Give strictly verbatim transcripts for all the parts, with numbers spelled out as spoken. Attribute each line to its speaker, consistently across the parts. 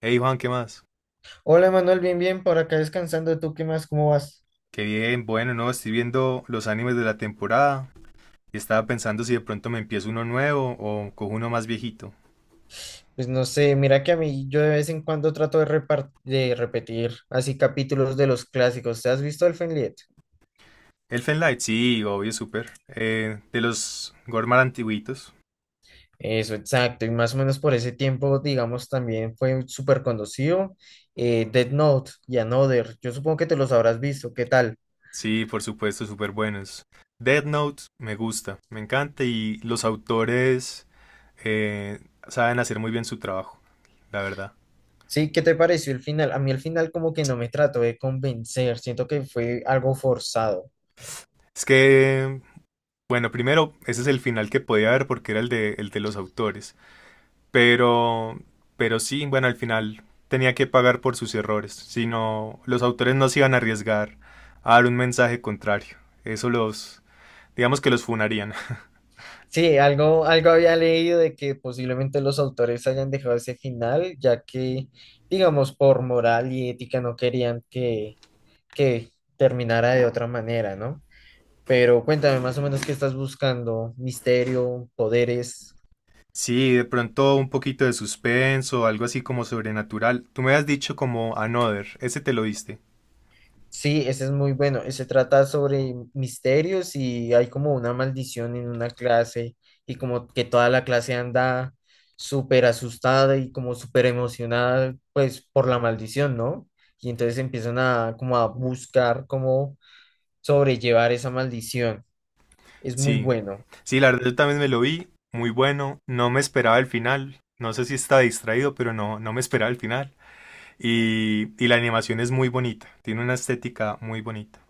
Speaker 1: Hey Juan, ¿qué más?
Speaker 2: Hola Manuel, bien, bien, por acá descansando. ¿Tú qué más? ¿Cómo vas?
Speaker 1: Qué bien, bueno, no, estoy viendo los animes de la temporada y estaba pensando si de pronto me empiezo uno nuevo o cojo uno más viejito.
Speaker 2: Pues no sé, mira que a mí yo de vez en cuando trato de, repar- de repetir así capítulos de los clásicos. ¿Te has visto el Fenliet?
Speaker 1: Elfen Light, sí, obvio, súper. Eh, de los Gormar antiguitos,
Speaker 2: Eso, exacto. Y más o menos por ese tiempo, digamos, también fue súper conocido. Eh, Death Note y Another. Yo supongo que te los habrás visto. ¿Qué tal?
Speaker 1: sí, por supuesto, súper buenos. Death Note, me gusta, me encanta y los autores eh, saben hacer muy bien su trabajo, la verdad.
Speaker 2: Sí, ¿qué te pareció el final? A mí el final como que no me trató de convencer. Siento que fue algo forzado.
Speaker 1: Es que, bueno, primero, ese es el final que podía haber porque era el de, el de los autores. Pero, pero sí, bueno, al final tenía que pagar por sus errores, si no, los autores no se iban a arriesgar a dar un mensaje contrario. Eso los, digamos que los funarían.
Speaker 2: Sí, algo, algo había leído de que posiblemente los autores hayan dejado ese final, ya que, digamos, por moral y ética no querían que, que terminara de otra manera, ¿no? Pero cuéntame más o menos qué estás buscando, misterio, poderes.
Speaker 1: Sí, de pronto un poquito de suspenso, algo así como sobrenatural. Tú me has dicho como Another, ese te lo diste.
Speaker 2: Sí, ese es muy bueno. Se trata sobre misterios y hay como una maldición en una clase y como que toda la clase anda súper asustada y como súper emocionada pues por la maldición, ¿no? Y entonces empiezan a como a buscar cómo sobrellevar esa maldición. Es muy
Speaker 1: Sí,
Speaker 2: bueno,
Speaker 1: sí, la verdad yo también me lo vi, muy bueno, no me esperaba el final. No sé si está distraído, pero no, no me esperaba el final. Y, y la animación es muy bonita, tiene una estética muy bonita.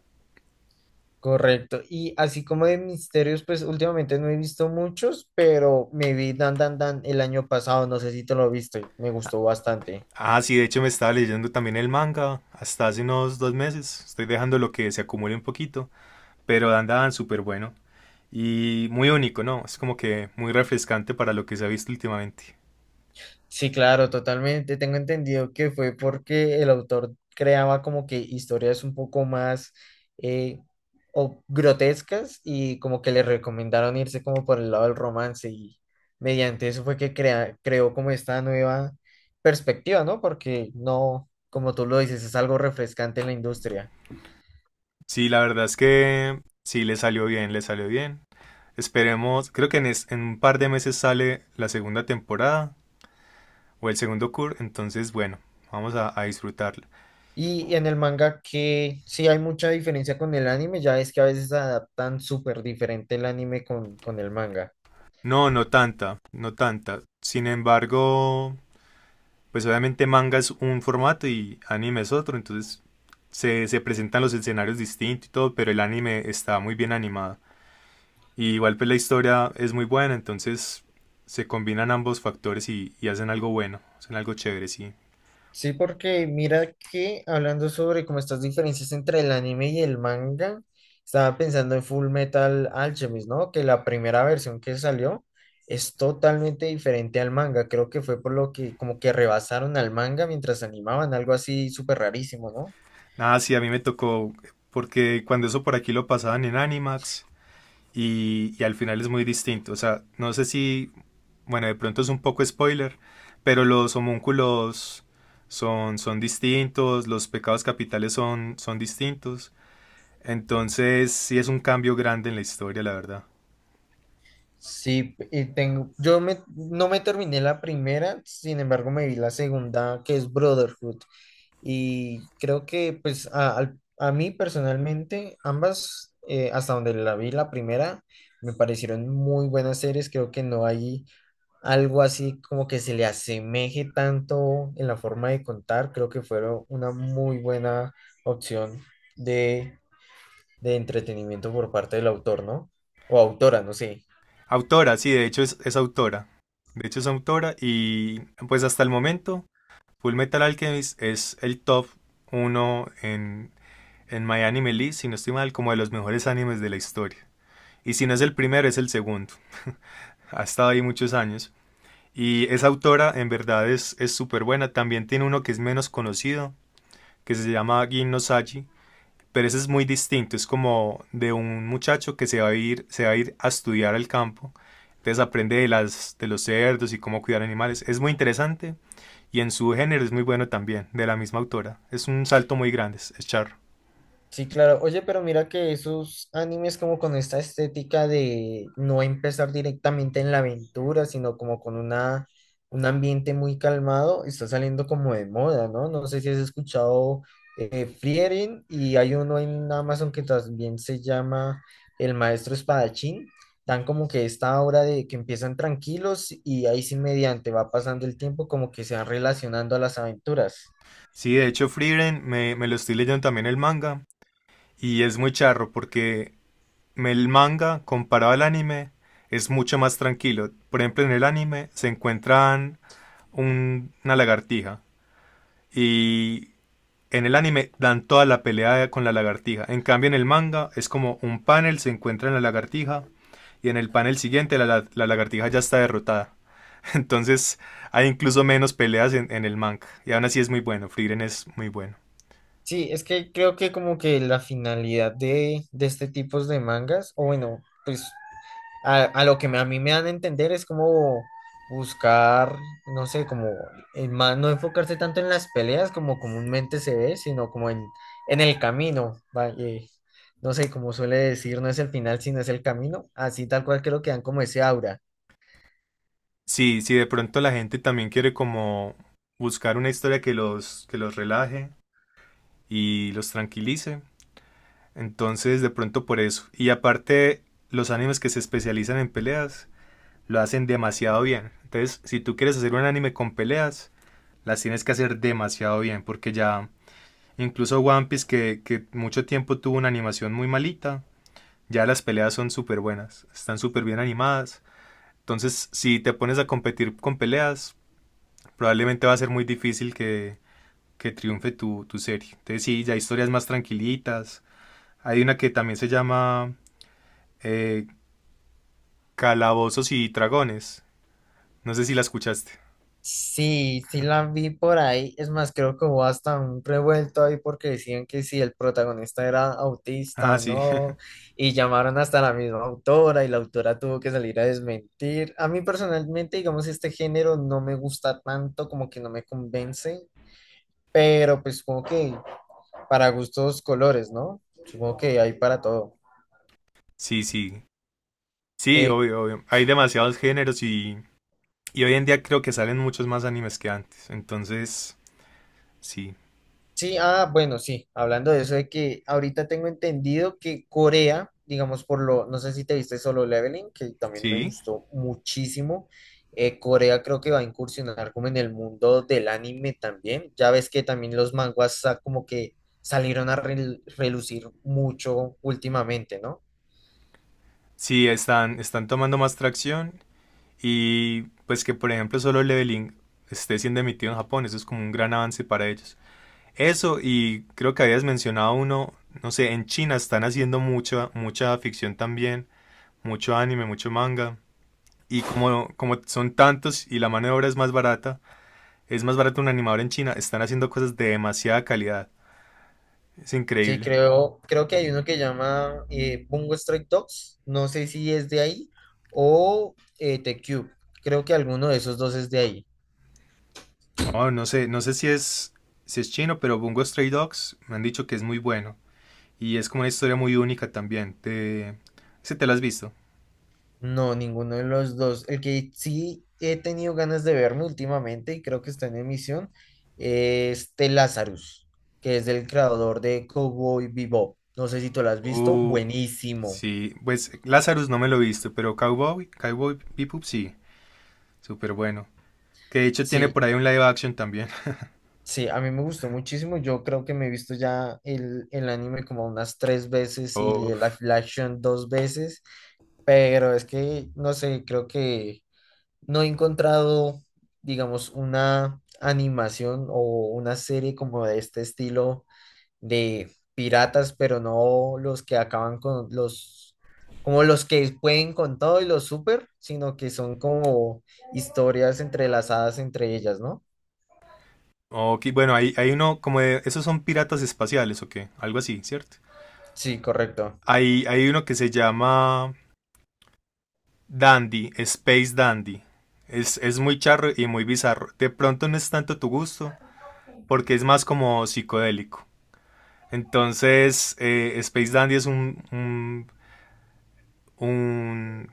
Speaker 2: correcto. Y así como de misterios, pues últimamente no he visto muchos, pero me vi Dan Dan Dan el año pasado, no sé si te lo viste, me gustó bastante.
Speaker 1: Ah, sí, de hecho me estaba leyendo también el manga hasta hace unos dos meses. Estoy dejando lo que se acumule un poquito, pero andaban súper bueno y muy único, ¿no? Es como que muy refrescante para lo que se ha visto últimamente.
Speaker 2: Sí, claro, totalmente. Tengo entendido que fue porque el autor creaba como que historias un poco más eh, o grotescas y como que le recomendaron irse como por el lado del romance y mediante eso fue que crea- creó como esta nueva perspectiva, ¿no? Porque no, como tú lo dices, es algo refrescante en la industria.
Speaker 1: Sí, la verdad es que sí le salió bien, le salió bien. Esperemos, creo que en, es- en un par de meses sale la segunda temporada o el segundo cur, entonces bueno, vamos a, a disfrutarla.
Speaker 2: Y en el manga que sí hay mucha diferencia con el anime, ya es que a veces adaptan súper diferente el anime con, con el manga.
Speaker 1: No, no tanta, no tanta. Sin embargo, pues obviamente manga es un formato y anime es otro, entonces se, se presentan los escenarios distintos y todo, pero el anime está muy bien animado. Y igual pues la historia es muy buena, entonces se combinan ambos factores y, y hacen algo bueno, hacen algo chévere, sí.
Speaker 2: Sí, porque mira que hablando sobre como estas diferencias entre el anime y el manga, estaba pensando en Full Metal Alchemist, ¿no? Que la primera versión que salió es totalmente diferente al manga. Creo que fue por lo que como que rebasaron al manga mientras animaban, algo así súper rarísimo, ¿no?
Speaker 1: Nada, sí, a mí me tocó, porque cuando eso por aquí lo pasaban en Animax, y, y al final es muy distinto. O sea, no sé si, bueno, de pronto es un poco spoiler, pero los homúnculos son, son distintos, los pecados capitales son, son distintos. Entonces, sí es un cambio grande en la historia, la verdad.
Speaker 2: Sí, y tengo, yo me, no me terminé la primera, sin embargo me vi la segunda, que es Brotherhood. Y creo que pues a, al- a mí personalmente ambas, eh, hasta donde la vi la primera, me parecieron muy buenas series. Creo que no hay algo así como que se le asemeje tanto en la forma de contar. Creo que fueron una muy buena opción de, de entretenimiento por parte del autor, ¿no? O autora, no sé.
Speaker 1: Autora, sí, de hecho es, es autora. De hecho es autora y pues hasta el momento Full Metal Alchemist es el top uno en, en My Anime List, si no estoy mal, como de los mejores animes de la historia. Y si no es el primero, es el segundo. Ha estado ahí muchos años. Y esa autora en verdad es es súper buena. También tiene uno que es menos conocido, que se llama Gin no Saji, pero ese es muy distinto. Es como de un muchacho que se va a ir, se va a ir a estudiar al campo. Entonces aprende de, las, de los cerdos y cómo cuidar animales. Es muy interesante y en su género es muy bueno también, de la misma autora. Es un salto muy grande, es, es charro.
Speaker 2: Sí, claro. Oye, pero mira que esos animes como con esta estética de no empezar directamente en la aventura, sino como con una, un ambiente muy calmado, está saliendo como de moda, ¿no? No sé si has escuchado eh, Frieren y hay uno en Amazon que también se llama El Maestro Espadachín. Dan como que esta obra de que empiezan tranquilos y ahí sí mediante va pasando el tiempo como que se van relacionando a las aventuras.
Speaker 1: Sí, de hecho Frieren me, me lo estoy leyendo también el manga y es muy charro porque el manga, comparado al anime, es mucho más tranquilo. Por ejemplo, en el anime se encuentran un- una lagartija y en el anime dan toda la pelea con la lagartija. En cambio, en el manga es como un panel, se encuentra en la lagartija y en el panel siguiente la, la- la lagartija ya está derrotada. Entonces hay incluso menos peleas en, en el manga. Y aún así es muy bueno, Frieren es muy bueno.
Speaker 2: Sí, es que creo que como que la finalidad de, de este tipo de mangas, o bueno, pues a, a lo que me- a mí me dan a entender es como buscar, no sé, como en ma- no enfocarse tanto en las peleas como comúnmente se ve, sino como en, en el camino, va, eh, no sé, como suele decir, no es el final, sino es el camino, así tal cual creo que dan como ese aura.
Speaker 1: Sí, si de pronto la gente también quiere como buscar una historia que los, que los relaje, y los tranquilice. Entonces, de pronto por eso. Y aparte, los animes que se especializan en peleas lo hacen demasiado bien. Entonces, si tú quieres hacer un anime con peleas, las tienes que hacer demasiado bien, porque ya incluso One Piece, que, que mucho tiempo tuvo una animación muy malita, ya las peleas son súper buenas, están súper bien animadas. Entonces, si te pones a competir con peleas, probablemente va a ser muy difícil que, que triunfe tu, tu serie. Entonces, sí, ya historias más tranquilitas, hay una que también se llama eh, Calabozos y Dragones. No sé si la escuchaste.
Speaker 2: Sí, sí la vi por ahí. Es más, creo que hubo hasta un revuelto ahí porque decían que si el protagonista era autista
Speaker 1: Ah,
Speaker 2: o
Speaker 1: sí,
Speaker 2: no. Y llamaron hasta la misma autora y la autora tuvo que salir a desmentir. A mí personalmente, digamos, este género no me gusta tanto, como que no me convence. Pero pues supongo que para gustos colores, ¿no? Supongo que hay para todo.
Speaker 1: sí, sí. Sí,
Speaker 2: Eh,
Speaker 1: obvio, obvio. Hay demasiados géneros y, y hoy en día creo que salen muchos más animes que antes. Entonces, sí,
Speaker 2: Sí, ah, bueno, sí, hablando de eso de que ahorita tengo entendido que Corea, digamos por lo, no sé si te viste Solo Leveling, que también me
Speaker 1: sí,
Speaker 2: gustó muchísimo, eh, Corea creo que va a incursionar como en el mundo del anime también, ya ves que también los manguas sa- como que salieron a rel- relucir mucho últimamente, ¿no?
Speaker 1: sí, están, están tomando más tracción y pues que por ejemplo solo Leveling esté siendo emitido en Japón, eso es como un gran avance para ellos. Eso y creo que habías mencionado uno, no sé, en China están haciendo mucha, mucha ficción también mucho anime, mucho manga. Y como, como son tantos y la mano de obra es más barata, es más barato un animador en China, están haciendo cosas de demasiada calidad. Es
Speaker 2: Sí,
Speaker 1: increíble.
Speaker 2: creo, creo que hay uno que llama eh, Bungo Stray Dogs, no sé si es de ahí, o eh, The Cube, creo que alguno de esos dos es de ahí.
Speaker 1: Oh, no sé, no sé si es, si es, chino, pero Bungo Stray Dogs me han dicho que es muy bueno. Y es como una historia muy única también. Te... ¿Sí te la has visto?
Speaker 2: No, ninguno de los dos. El que sí he tenido ganas de verme últimamente y creo que está en emisión es The Lazarus, que es el creador de Cowboy Bebop. No sé si tú lo has visto.
Speaker 1: Uh,
Speaker 2: Buenísimo.
Speaker 1: sí, pues Lazarus no me lo he visto, pero Cowboy, Cowboy Bebop sí, súper bueno. Que de hecho tiene
Speaker 2: Sí,
Speaker 1: por ahí un live action también.
Speaker 2: sí, a mí me gustó muchísimo. Yo creo que me he visto ya el, el anime como unas tres veces y
Speaker 1: Oh,
Speaker 2: el live action dos veces. Pero es que, no sé, creo que no he encontrado, digamos, una animación o una serie como de este estilo de piratas, pero no los que acaban con los, como los que pueden con todo y los super, sino que son como historias entrelazadas entre ellas, ¿no?
Speaker 1: ok, bueno, hay, hay uno como de... Esos son piratas espaciales, ¿o qué? Algo así, ¿cierto?
Speaker 2: Sí, correcto.
Speaker 1: Hay, hay uno que se llama Dandy, Space Dandy. Es, es muy charro y muy bizarro. De pronto no es tanto tu gusto, porque es más como psicodélico. Entonces, eh, Space Dandy es un, un, un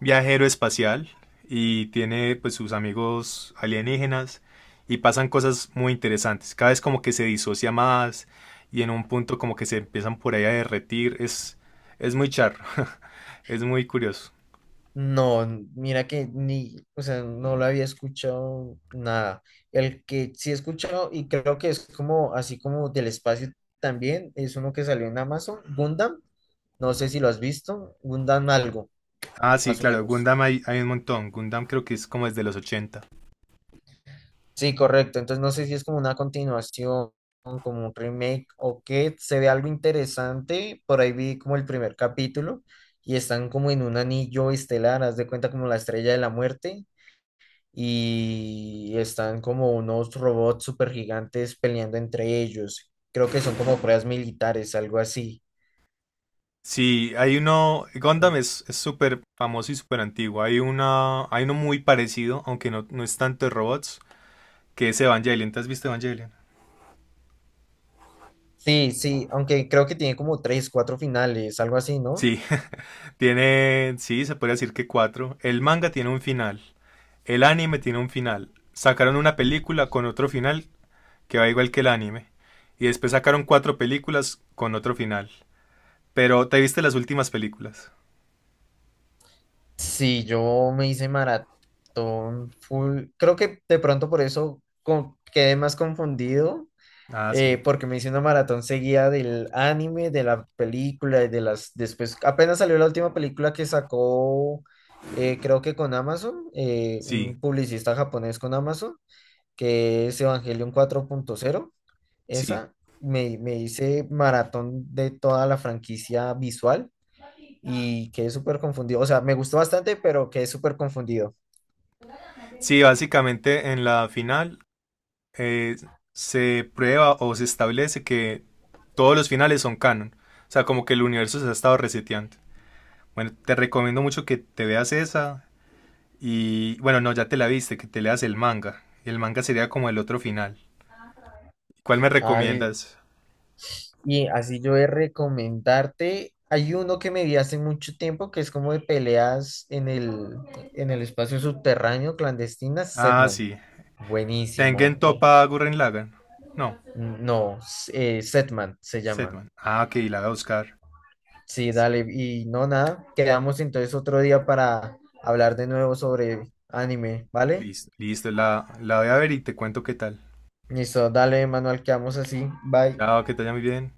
Speaker 1: viajero espacial y tiene pues sus amigos alienígenas y pasan cosas muy interesantes. Cada vez como que se disocia más y en un punto como que se empiezan por ahí a derretir. Es, es muy charro, es muy curioso.
Speaker 2: No, n- mira que ni, o sea, no lo había escuchado nada. El que sí he escuchado y creo que es como así como del espacio también, es uno que salió en Amazon, Gundam, no sé si lo has visto, Gundam algo,
Speaker 1: Ah, sí,
Speaker 2: más o
Speaker 1: claro,
Speaker 2: menos.
Speaker 1: Gundam hay, hay un montón. Gundam creo que es como desde los ochenta.
Speaker 2: Sí, correcto, entonces no sé si es como una continuación, como un remake o qué, se ve algo interesante, por ahí vi como el primer capítulo y están como en un anillo estelar, haz de cuenta como la estrella de la muerte y están como unos robots super gigantes peleando entre ellos. Creo que son como pruebas militares, algo así.
Speaker 1: Sí, hay uno, Gundam es es súper famoso y súper antiguo. Hay una, hay uno muy parecido, aunque no, no es tanto de robots, que es Evangelion. ¿Te has visto Evangelion?
Speaker 2: Sí, sí, aunque creo que tiene como tres, cuatro finales, algo así, ¿no?
Speaker 1: Sí, tiene, sí, se puede decir que cuatro. El manga tiene un final. El anime tiene un final. Sacaron una película con otro final que va igual que el anime. Y después sacaron cuatro películas con otro final. Pero ¿te viste las últimas películas?
Speaker 2: Sí, yo me hice maratón full. Creo que de pronto por eso co- quedé más confundido
Speaker 1: Ah, sí.
Speaker 2: eh, porque me hice una maratón seguida del anime, de la película y de las. Después, apenas salió la última película que sacó, eh, creo que con Amazon, eh,
Speaker 1: Sí,
Speaker 2: un publicista japonés con Amazon, que es Evangelion cuatro punto cero.
Speaker 1: sí.
Speaker 2: Esa, me, me hice maratón de toda la franquicia visual y quedé súper confundido. O sea, me gustó bastante, pero quedé súper confundido.
Speaker 1: Sí, básicamente en la final eh, se prueba o se establece que todos los finales son canon. O sea, como que el universo se ha estado reseteando. Bueno, te recomiendo mucho que te veas esa. Y bueno, no, ya te la viste, que te leas el manga. El manga sería como el otro final. ¿Cuál me
Speaker 2: Ah, li-
Speaker 1: recomiendas?
Speaker 2: y así yo de recomendarte, hay uno que me vi hace mucho tiempo que es como de peleas en el, en el espacio subterráneo clandestina,
Speaker 1: Ah,
Speaker 2: Setman.
Speaker 1: sí. Tengen
Speaker 2: Buenísimo. eh,
Speaker 1: Toppa Gurren Lagann. No,
Speaker 2: No, eh, Setman se llama.
Speaker 1: Setman. Ah, ok, la voy a buscar.
Speaker 2: Sí, dale. Y no, nada, quedamos entonces otro día para hablar de nuevo sobre anime, ¿vale?
Speaker 1: Listo, listo, la, la voy a ver y te cuento qué tal.
Speaker 2: Listo, dale, Manuel, quedamos así. Bye.
Speaker 1: Chao, que te vaya muy bien.